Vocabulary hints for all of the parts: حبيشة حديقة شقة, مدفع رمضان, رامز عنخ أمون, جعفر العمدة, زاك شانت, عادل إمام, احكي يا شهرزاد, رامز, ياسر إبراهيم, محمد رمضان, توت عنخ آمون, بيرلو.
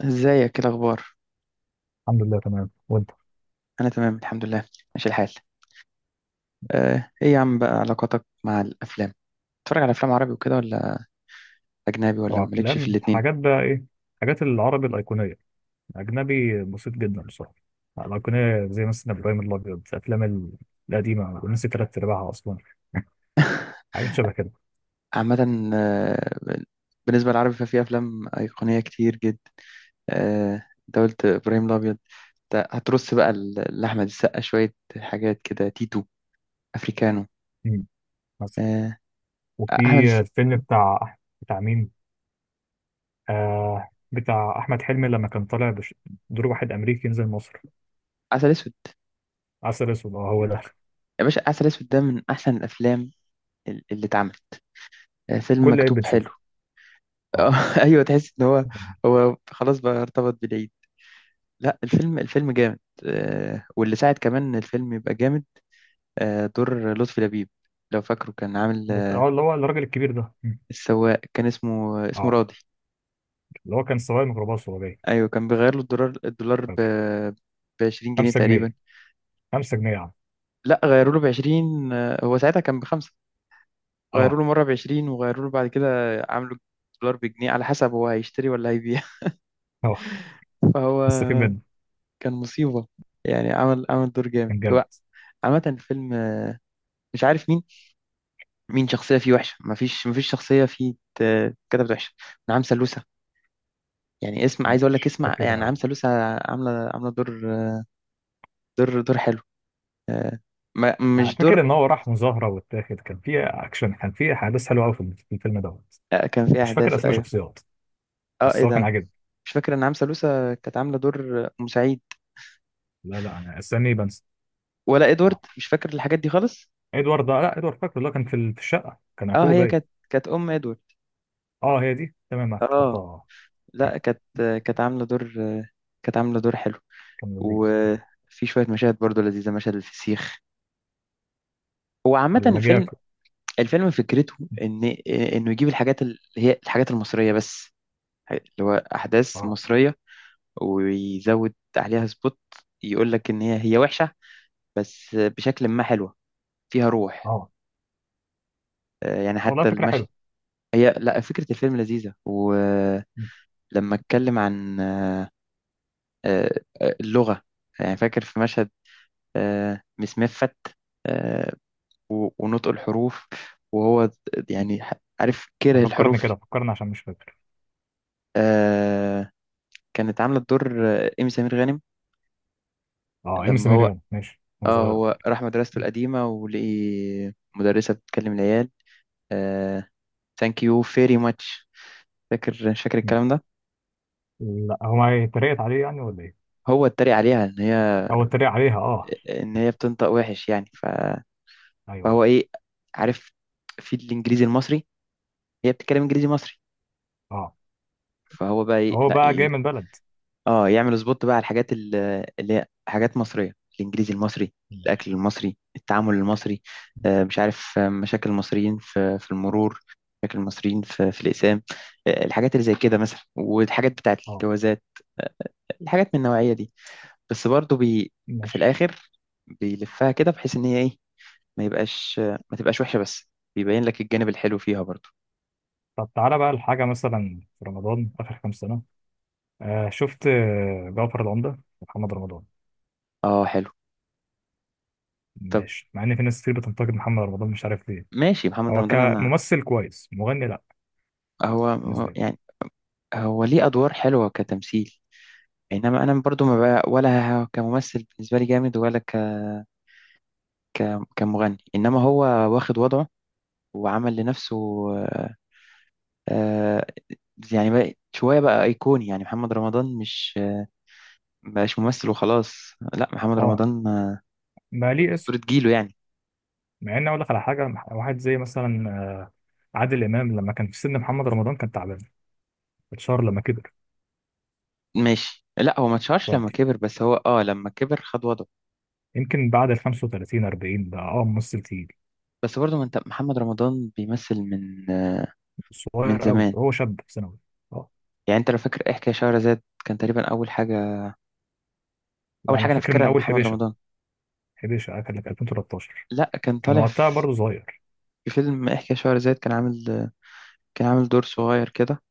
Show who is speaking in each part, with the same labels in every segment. Speaker 1: ازيك؟ ايه الاخبار؟
Speaker 2: الحمد لله، تمام. وانت؟
Speaker 1: انا تمام الحمد لله. ماشي الحال. ايه يا عم بقى علاقاتك مع الافلام؟ بتتفرج على افلام عربي وكده ولا اجنبي ولا
Speaker 2: طبعا
Speaker 1: مالكش في
Speaker 2: افلام،
Speaker 1: الاتنين؟
Speaker 2: حاجات بقى ايه؟ حاجات العربي الايقونيه. اجنبي بسيط جدا بصراحه. الايقونيه زي مثلا ابراهيم الابيض، الافلام القديمه، ونسي تلات ارباعها اصلا. حاجات شبه كده.
Speaker 1: عامه. آه، بالنسبه للعربي ففي افلام ايقونيه كتير جدا. آه، انت قلت ابراهيم الابيض، انت هترص بقى لاحمد السقا شويه حاجات كده، تيتو، افريكانو.
Speaker 2: مم. مثلا.
Speaker 1: آه،
Speaker 2: وفي
Speaker 1: احمد الس-
Speaker 2: الفيلم بتاع مين؟ آه، بتاع احمد حلمي لما كان طالع دور واحد امريكي ينزل مصر.
Speaker 1: عسل اسود.
Speaker 2: عسل اسود، اه هو ده.
Speaker 1: يا باشا عسل اسود ده من احسن الافلام اللي اتعملت. فيلم
Speaker 2: كل عيب
Speaker 1: مكتوب حلو.
Speaker 2: بتشوفه.
Speaker 1: آه،
Speaker 2: اه.
Speaker 1: ايوه تحس ان هو، هو خلاص بقى ارتبط بالعيد. لا الفيلم جامد. واللي ساعد كمان ان الفيلم يبقى جامد، دور لطفي لبيب. لو فاكره كان عامل آه،
Speaker 2: اللي هو الراجل الكبير ده. مم.
Speaker 1: السواق كان اسمه
Speaker 2: اه،
Speaker 1: راضي.
Speaker 2: اللي هو كان سواق ميكروباص وهو جاي.
Speaker 1: ايوه كان بيغير له الدولار ب
Speaker 2: فاكر.
Speaker 1: ب 20 جنيه
Speaker 2: 5
Speaker 1: تقريبا.
Speaker 2: جنيه 5 جنيه يا عم.
Speaker 1: لا غيروا له ب 20، هو ساعتها كان بخمسة. غيروا
Speaker 2: اه.
Speaker 1: له مره ب 20 وغيروا له بعد كده، عملوا الدولار بجنيه على حسب هو هيشتري ولا هيبيع.
Speaker 2: اه،
Speaker 1: فهو
Speaker 2: مستفيد منه.
Speaker 1: كان مصيبه، يعني عمل دور جامد
Speaker 2: كان جامد.
Speaker 1: هو. عامة الفيلم، مش عارف مين، مين شخصية فيه وحشة. مفيش شخصية فيه كتبت وحشة. نعم سلوسة، يعني اسم عايز اقول لك اسمع،
Speaker 2: فاكر
Speaker 1: يعني
Speaker 2: قوي.
Speaker 1: نعم سلوسة. عاملة دور، دور حلو. آه، مش دور.
Speaker 2: فاكر ان هو راح مظاهره واتاخد، كان في اكشن، كان في احداث حلوه قوي في الفيلم دوت.
Speaker 1: كان فيه
Speaker 2: مش فاكر
Speaker 1: احداث،
Speaker 2: اسماء
Speaker 1: ايوه.
Speaker 2: شخصيات،
Speaker 1: اه ايه
Speaker 2: بس هو كان
Speaker 1: ده،
Speaker 2: عاجبني.
Speaker 1: مش فاكر ان نعم سلوسة كانت عاملة دور مساعد،
Speaker 2: لا لا، انا استني بنسى
Speaker 1: ولا ادوارد،
Speaker 2: بصراحه.
Speaker 1: مش فاكر الحاجات دي خالص.
Speaker 2: ادوارد ده، لا ادوارد فاكر اللي هو كان في في الشقه، كان
Speaker 1: اه
Speaker 2: اخوه
Speaker 1: هي
Speaker 2: باين.
Speaker 1: كانت ام ادوارد.
Speaker 2: اه، هي دي، تمام أنا افتكرتها.
Speaker 1: اه.
Speaker 2: اه،
Speaker 1: لا كانت عاملة دور، كانت عاملة دور حلو.
Speaker 2: كان لذيذ
Speaker 1: وفي شوية مشاهد برضو لذيذة، مشهد الفسيخ. هو عامة
Speaker 2: لما جه
Speaker 1: الفيلم،
Speaker 2: ياكل.
Speaker 1: الفيلم فكرته ان، انه يجيب الحاجات اللي هي الحاجات المصريه بس، اللي هو احداث
Speaker 2: اه.
Speaker 1: مصريه، ويزود عليها سبوت، يقول لك ان هي وحشه بس بشكل ما حلوه، فيها روح.
Speaker 2: اه،
Speaker 1: يعني
Speaker 2: والله
Speaker 1: حتى
Speaker 2: فكره
Speaker 1: المشهد.
Speaker 2: حلوه.
Speaker 1: هي لا فكره الفيلم لذيذه، ولما
Speaker 2: مم.
Speaker 1: اتكلم عن آه، اللغه، يعني فاكر في مشهد مسمفت، آه، ونطق الحروف، وهو يعني عارف كره
Speaker 2: طب فكرني
Speaker 1: الحروف.
Speaker 2: كده، فكرني عشان مش فاكر.
Speaker 1: آه، كانت عاملة دور إيمي سمير غانم.
Speaker 2: اه، ام سي
Speaker 1: لما هو،
Speaker 2: ميريان، ماشي
Speaker 1: اه
Speaker 2: وصغيره.
Speaker 1: هو راح مدرسته القديمة ولقي مدرسة بتكلم العيال ثانك يو فيري ماتش. فاكر، مش فاكر الكلام ده.
Speaker 2: لا هو ما اتريقت عليه يعني ولا ايه؟
Speaker 1: هو اتريق عليها ان هي،
Speaker 2: هو اتريق عليها، اه.
Speaker 1: ان هي بتنطق وحش يعني
Speaker 2: ايوه أيوه.
Speaker 1: فهو ايه، عارف، في الانجليزي المصري، هي بتتكلم انجليزي مصري.
Speaker 2: اه،
Speaker 1: فهو بقى ايه،
Speaker 2: هو
Speaker 1: لا،
Speaker 2: بقى جاي من بلد.
Speaker 1: اه يعمل سبوت بقى على الحاجات اللي هي حاجات مصرية، الانجليزي المصري، الاكل
Speaker 2: ماشي.
Speaker 1: المصري، التعامل المصري، مش عارف، مشاكل المصريين في في المرور، مشاكل المصريين في الاقسام، الحاجات اللي زي كده مثلا، والحاجات بتاعت
Speaker 2: اه.
Speaker 1: الجوازات، آه، الحاجات من النوعية دي. بس برضو في
Speaker 2: ماشي.
Speaker 1: الاخر بيلفها كده بحيث ان هي ايه، ما يبقاش ما تبقاش وحشة بس، بيبين لك الجانب الحلو فيها برضو.
Speaker 2: طب تعالى بقى لحاجة مثلا في رمضان آخر كام سنة، شفت جعفر العمدة ومحمد رمضان.
Speaker 1: اه حلو. طب
Speaker 2: ماشي، مع إن في ناس كتير بتنتقد محمد رمضان مش عارف ليه.
Speaker 1: ماشي، محمد
Speaker 2: هو
Speaker 1: رمضان انا،
Speaker 2: كممثل كويس، مغني لأ، بالنسبة لي.
Speaker 1: يعني هو ليه ادوار حلوة كتمثيل. انما انا برضو ما بقى ولا كممثل بالنسبه لي جامد ولا ك... كمغني. انما هو واخد وضعه وعمل لنفسه، آه، آه، يعني بقى شويه بقى ايقوني، يعني محمد رمضان مش مبقاش ممثل وخلاص، لا محمد
Speaker 2: اه،
Speaker 1: رمضان
Speaker 2: ما ليه اسم.
Speaker 1: اسطوره جيله يعني.
Speaker 2: مع إن أقول لك على حاجة، واحد زي مثلا عادل إمام، لما كان في سن محمد رمضان كان تعبان. اتشهر لما كبر.
Speaker 1: ماشي لا هو ما اتشهرش لما
Speaker 2: ودي
Speaker 1: كبر، بس هو اه لما كبر خد وضعه.
Speaker 2: يمكن بعد ال 35 40، بقى ممثل تقيل.
Speaker 1: بس برضو ما انت محمد رمضان بيمثل من من
Speaker 2: صغير قوي،
Speaker 1: زمان،
Speaker 2: هو شاب في ثانوي. اه.
Speaker 1: يعني انت لو فاكر احكي يا شهرزاد كان تقريبا اول حاجه،
Speaker 2: لا
Speaker 1: اول
Speaker 2: أنا
Speaker 1: حاجه انا
Speaker 2: فاكر من
Speaker 1: فاكرها
Speaker 2: أول
Speaker 1: لمحمد
Speaker 2: حبيشة.
Speaker 1: رمضان.
Speaker 2: حديقة شقة كان في 2013.
Speaker 1: لا كان
Speaker 2: كان
Speaker 1: طالع
Speaker 2: وقتها
Speaker 1: في،
Speaker 2: برضه صغير.
Speaker 1: في فيلم احكي يا شهرزاد كان عامل، كان عامل دور صغير كده.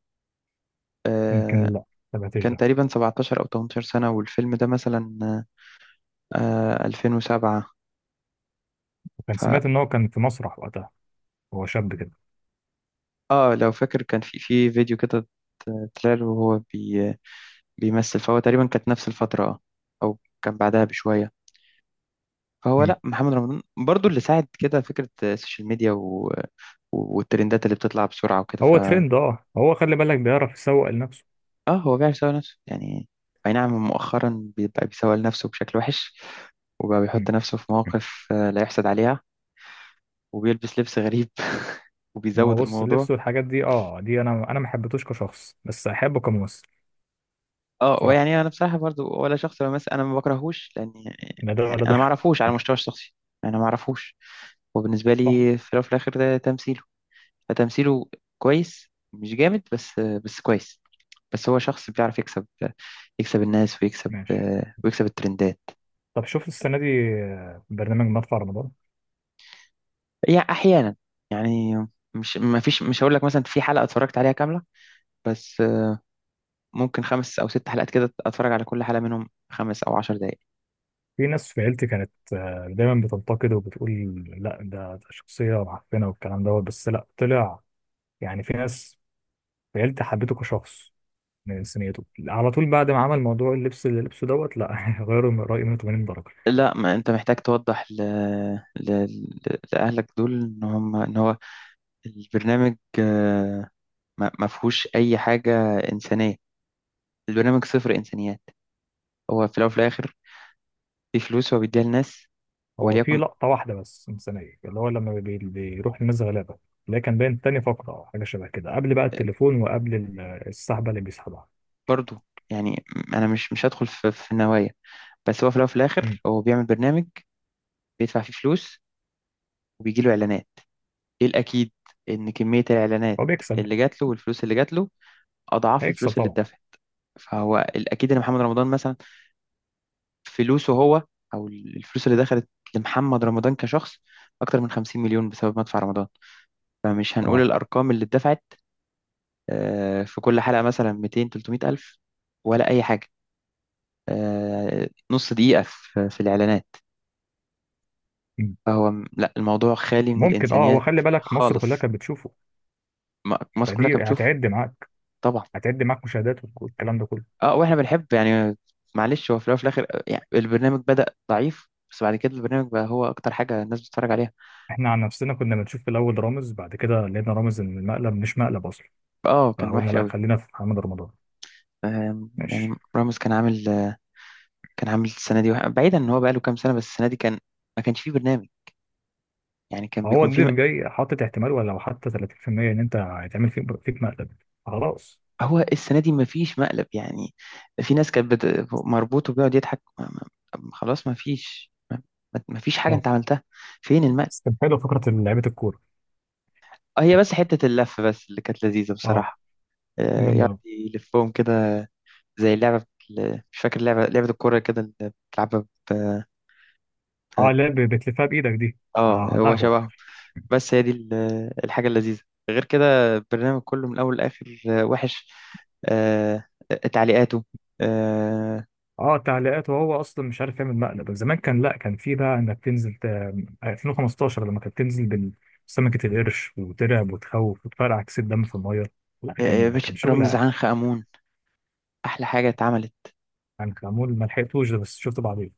Speaker 1: آه،
Speaker 2: يمكن، لا ما تابعتش
Speaker 1: كان
Speaker 2: ده.
Speaker 1: تقريبا 17 او 18 سنة، والفيلم ده مثلا 2007.
Speaker 2: وكان
Speaker 1: ف
Speaker 2: سمعت ان هو كان في مسرح وقتها، هو شاب كده.
Speaker 1: اه لو فاكر كان في فيديو كده، طلع له وهو بيمثل. فهو تقريبا كانت نفس الفترة اه، او كان بعدها بشوية. فهو
Speaker 2: مم.
Speaker 1: لا محمد رمضان برضو اللي ساعد كده فكرة السوشيال ميديا والترندات اللي بتطلع بسرعة وكده.
Speaker 2: هو ترند. اه هو خلي بالك بيعرف يسوق لنفسه.
Speaker 1: اه هو بيعرف يسوق نفسه يعني. اي نعم مؤخرا بيبقى بيسوق لنفسه بشكل وحش، وبقى
Speaker 2: مم.
Speaker 1: بيحط نفسه في مواقف لا يحسد عليها، وبيلبس لبس غريب.
Speaker 2: ما
Speaker 1: وبيزود
Speaker 2: هو بص،
Speaker 1: الموضوع.
Speaker 2: اللبس والحاجات دي، دي انا ما حبيتوش كشخص، بس احبه كممثل.
Speaker 1: اه
Speaker 2: بصراحة،
Speaker 1: ويعني انا بصراحه برضو ولا شخص بمثل انا ما بكرهوش لان يعني،
Speaker 2: لا ده ولا
Speaker 1: انا ما
Speaker 2: ده.
Speaker 1: اعرفوش على المستوى الشخصي، انا ما اعرفوش. وبالنسبه
Speaker 2: صح.
Speaker 1: لي في الاول وفي الاخر ده تمثيله، فتمثيله كويس، مش جامد بس كويس. بس هو شخص بيعرف يكسب، يكسب الناس ويكسب
Speaker 2: ماشي.
Speaker 1: ويكسب الترندات.
Speaker 2: طب شفت السنة دي برنامج مدفع رمضان؟
Speaker 1: يعني احيانا، يعني مش ما فيش، مش هقول لك مثلا في حلقه اتفرجت عليها كامله، بس ممكن خمس أو ست حلقات كده أتفرج على كل حلقة منهم خمس أو عشر دقايق.
Speaker 2: في ناس في عيلتي كانت دايما بتنتقد وبتقول لا، ده شخصية معفنة والكلام دوت. بس لا، طلع يعني، في ناس بجد حبيته كشخص من انسانيته على طول، بعد ما عمل موضوع اللبس اللي لبسه دوت. لا، غيروا من رأيي 180 درجة.
Speaker 1: لا ما أنت محتاج توضح ل... لأهلك دول إن هم، إن هو البرنامج ما فيهوش أي حاجة إنسانية. البرنامج صفر إنسانيات. هو في الأول وفي الآخر في فلوس هو بيديها للناس،
Speaker 2: هو في
Speaker 1: وليكن.
Speaker 2: لقطة واحدة بس إنسانية، اللي هو لما بيروح للناس غلابة، اللي هي كان باين تاني فقرة أو حاجة شبه كده قبل بقى التليفون، وقبل السحبة اللي بيسحبها.
Speaker 1: برضه يعني، أنا مش هدخل في, في النوايا، بس هو في الأول وفي
Speaker 2: مم.
Speaker 1: الآخر هو بيعمل برنامج بيدفع فيه فلوس، وبيجيله إعلانات. إيه الأكيد إن كمية الإعلانات
Speaker 2: هو بيكسب.
Speaker 1: اللي جات له والفلوس اللي جات له اضعاف
Speaker 2: هيكسب
Speaker 1: الفلوس اللي
Speaker 2: طبعا.
Speaker 1: اتدفعت. فهو الاكيد ان محمد رمضان مثلا، فلوسه هو، او الفلوس اللي دخلت لمحمد رمضان كشخص اكتر من 50 مليون بسبب مدفع رمضان. فمش هنقول
Speaker 2: اه.
Speaker 1: الارقام اللي اتدفعت، في كل حلقه مثلا 200 300 الف، ولا اي حاجه، نص دقيقه في الاعلانات.
Speaker 2: مم.
Speaker 1: فهو لا الموضوع خالي من
Speaker 2: ممكن، هو
Speaker 1: الانسانيات
Speaker 2: خلي بالك مصر
Speaker 1: خالص.
Speaker 2: كلها كانت بتشوفه،
Speaker 1: مصر كلها
Speaker 2: فدي
Speaker 1: كانت بتشوفه،
Speaker 2: هتعد معاك.
Speaker 1: طبعا.
Speaker 2: هتعد معاك مشاهدات والكلام ده كله.
Speaker 1: اه واحنا بنحب يعني، معلش هو في الاول وفي الاخر يعني البرنامج بدأ ضعيف بس بعد كده البرنامج بقى هو اكتر حاجة الناس بتتفرج عليها.
Speaker 2: احنا عن نفسنا كنا بنشوف في الأول رامز، بعد كده لقينا رامز إن المقلب مش مقلب أصلا،
Speaker 1: اه كان
Speaker 2: فقلنا
Speaker 1: وحش
Speaker 2: لا
Speaker 1: قوي.
Speaker 2: خلينا في محمد رمضان.
Speaker 1: يعني
Speaker 2: ماشي.
Speaker 1: راموس كان عامل كان عامل السنة دي بعيدا ان هو بقى له كام سنة، بس السنة دي كان، ما كانش فيه برنامج. يعني كان
Speaker 2: هو
Speaker 1: بيكون فيه
Speaker 2: الضيف جاي حاطط احتمال ولا لو حتى 30% ان انت هيتعمل فيك مقلب. خلاص.
Speaker 1: هو السنة دي ما فيش مقلب يعني. في ناس كانت مربوط وبيقعد يضحك ما... ما... خلاص ما فيش ما فيش حاجة
Speaker 2: اه.
Speaker 1: انت عملتها، فين المقلب؟
Speaker 2: بس كان حلو فكره لعيبه الكوره.
Speaker 1: هي بس حتة اللف بس اللي كانت لذيذة
Speaker 2: اه،
Speaker 1: بصراحة،
Speaker 2: جامده
Speaker 1: يقعد
Speaker 2: قوي.
Speaker 1: يلفهم كده زي اللعبة مش فاكر لعبة الكورة كده اللي بتلعبها
Speaker 2: اه
Speaker 1: ب...
Speaker 2: لا، بتلفها بايدك دي. آه،
Speaker 1: اه
Speaker 2: على
Speaker 1: هو
Speaker 2: القهوه.
Speaker 1: شبههم. بس هي دي الحاجة اللذيذة. غير كده البرنامج كله من الأول لآخر وحش، آه، تعليقاته، آه،
Speaker 2: اه، تعليقات، وهو اصلا مش عارف يعمل مقلب. زمان كان، لا كان في بقى انك تنزل ت... آه، 2015 لما كانت تنزل بسمكه القرش وترعب وتخوف وتفرقع كيس الدم في الميه. لا،
Speaker 1: يا
Speaker 2: كان
Speaker 1: باشا
Speaker 2: كان شغل
Speaker 1: رامز
Speaker 2: عالي.
Speaker 1: عنخ أمون أحلى حاجة اتعملت.
Speaker 2: يعني كان معمول، ما لحقتوش ده بس شفت بعدين.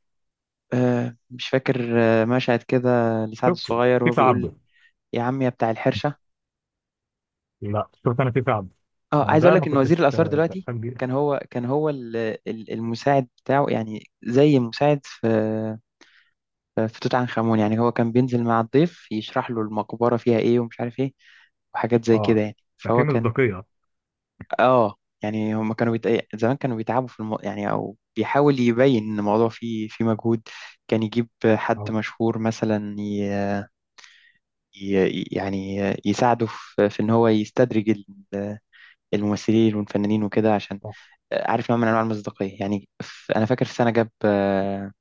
Speaker 1: مش فاكر مشهد كده لسعد
Speaker 2: شفته
Speaker 1: الصغير
Speaker 2: في
Speaker 1: وهو بيقول
Speaker 2: تعبد.
Speaker 1: يا عم يا بتاع الحرشة.
Speaker 2: لا، شفت انا في فعلا.
Speaker 1: اه
Speaker 2: ما
Speaker 1: عايز اقول
Speaker 2: ده ما
Speaker 1: لك ان وزير
Speaker 2: كنتش
Speaker 1: الآثار دلوقتي
Speaker 2: بفهم
Speaker 1: كان
Speaker 2: بيه.
Speaker 1: هو، المساعد بتاعه، يعني زي مساعد في، في توت عنخ آمون. يعني هو كان بينزل مع الضيف يشرح له المقبرة فيها إيه ومش عارف إيه، وحاجات زي
Speaker 2: اه،
Speaker 1: كده يعني.
Speaker 2: ففي
Speaker 1: فهو كان
Speaker 2: مصداقيه.
Speaker 1: آه، يعني هم كانوا زمان كانوا بيتعبوا في يعني، أو بيحاول يبين إن الموضوع فيه مجهود. كان يجيب حد
Speaker 2: اه.
Speaker 1: مشهور مثلا يعني يساعده في... في إن هو يستدرج الممثلين والفنانين وكده، عشان
Speaker 2: صح.
Speaker 1: عارف نوع من أنواع المصداقية يعني. أنا فاكر في سنة جاب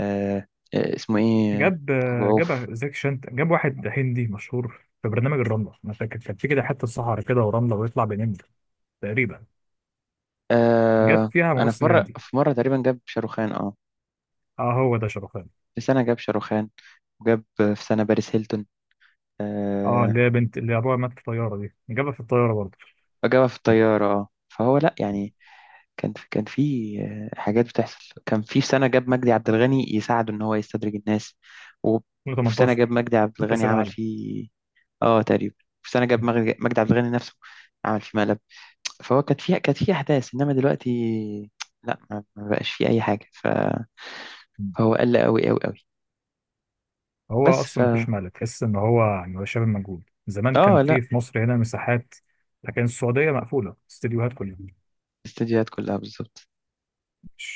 Speaker 1: آه... اسمه إيه؟ أبو عوف.
Speaker 2: جاب زاك شانت، جاب واحد هندي مشهور في برنامج الرمله، انا فاكر كان في كده حته صحراء كده ورمله ويطلع بينام. تقريبا. جاب
Speaker 1: آه
Speaker 2: فيها
Speaker 1: انا في
Speaker 2: ممثل
Speaker 1: مره،
Speaker 2: هندي.
Speaker 1: تقريبا جاب شاروخان، اه.
Speaker 2: اه هو ده شرفان.
Speaker 1: في سنه جاب شاروخان، وجاب في سنه باريس هيلتون،
Speaker 2: اه،
Speaker 1: آه.
Speaker 2: اللي هي بنت اللي ابوها مات في الطياره دي، جابها في الطياره برضه.
Speaker 1: وجابها في الطياره اه. فهو لا يعني كان في، حاجات بتحصل. كان في سنه جاب مجدي عبد الغني يساعده ان هو يستدرج الناس، و- وفي سنه جاب
Speaker 2: 2018
Speaker 1: مجدي عبد الغني
Speaker 2: كاس
Speaker 1: عمل
Speaker 2: العالم.
Speaker 1: فيه، اه تقريبا. في سنه جاب مجدي عبد الغني نفسه عمل فيه مقلب. فهو كانت فيها، كانت فيه احداث، انما دلوقتي لا ما بقاش فيه اي حاجه فهو قل قوي قوي قوي.
Speaker 2: هو
Speaker 1: بس ف
Speaker 2: اصلا مفيش ملل، تحس ان هو يعني هو شبه مجهول. زمان كان
Speaker 1: اه
Speaker 2: في
Speaker 1: لا،
Speaker 2: في مصر هنا مساحات، لكن السعوديه مقفوله استديوهات كلها.
Speaker 1: الاستديوهات كلها بالظبط.
Speaker 2: مش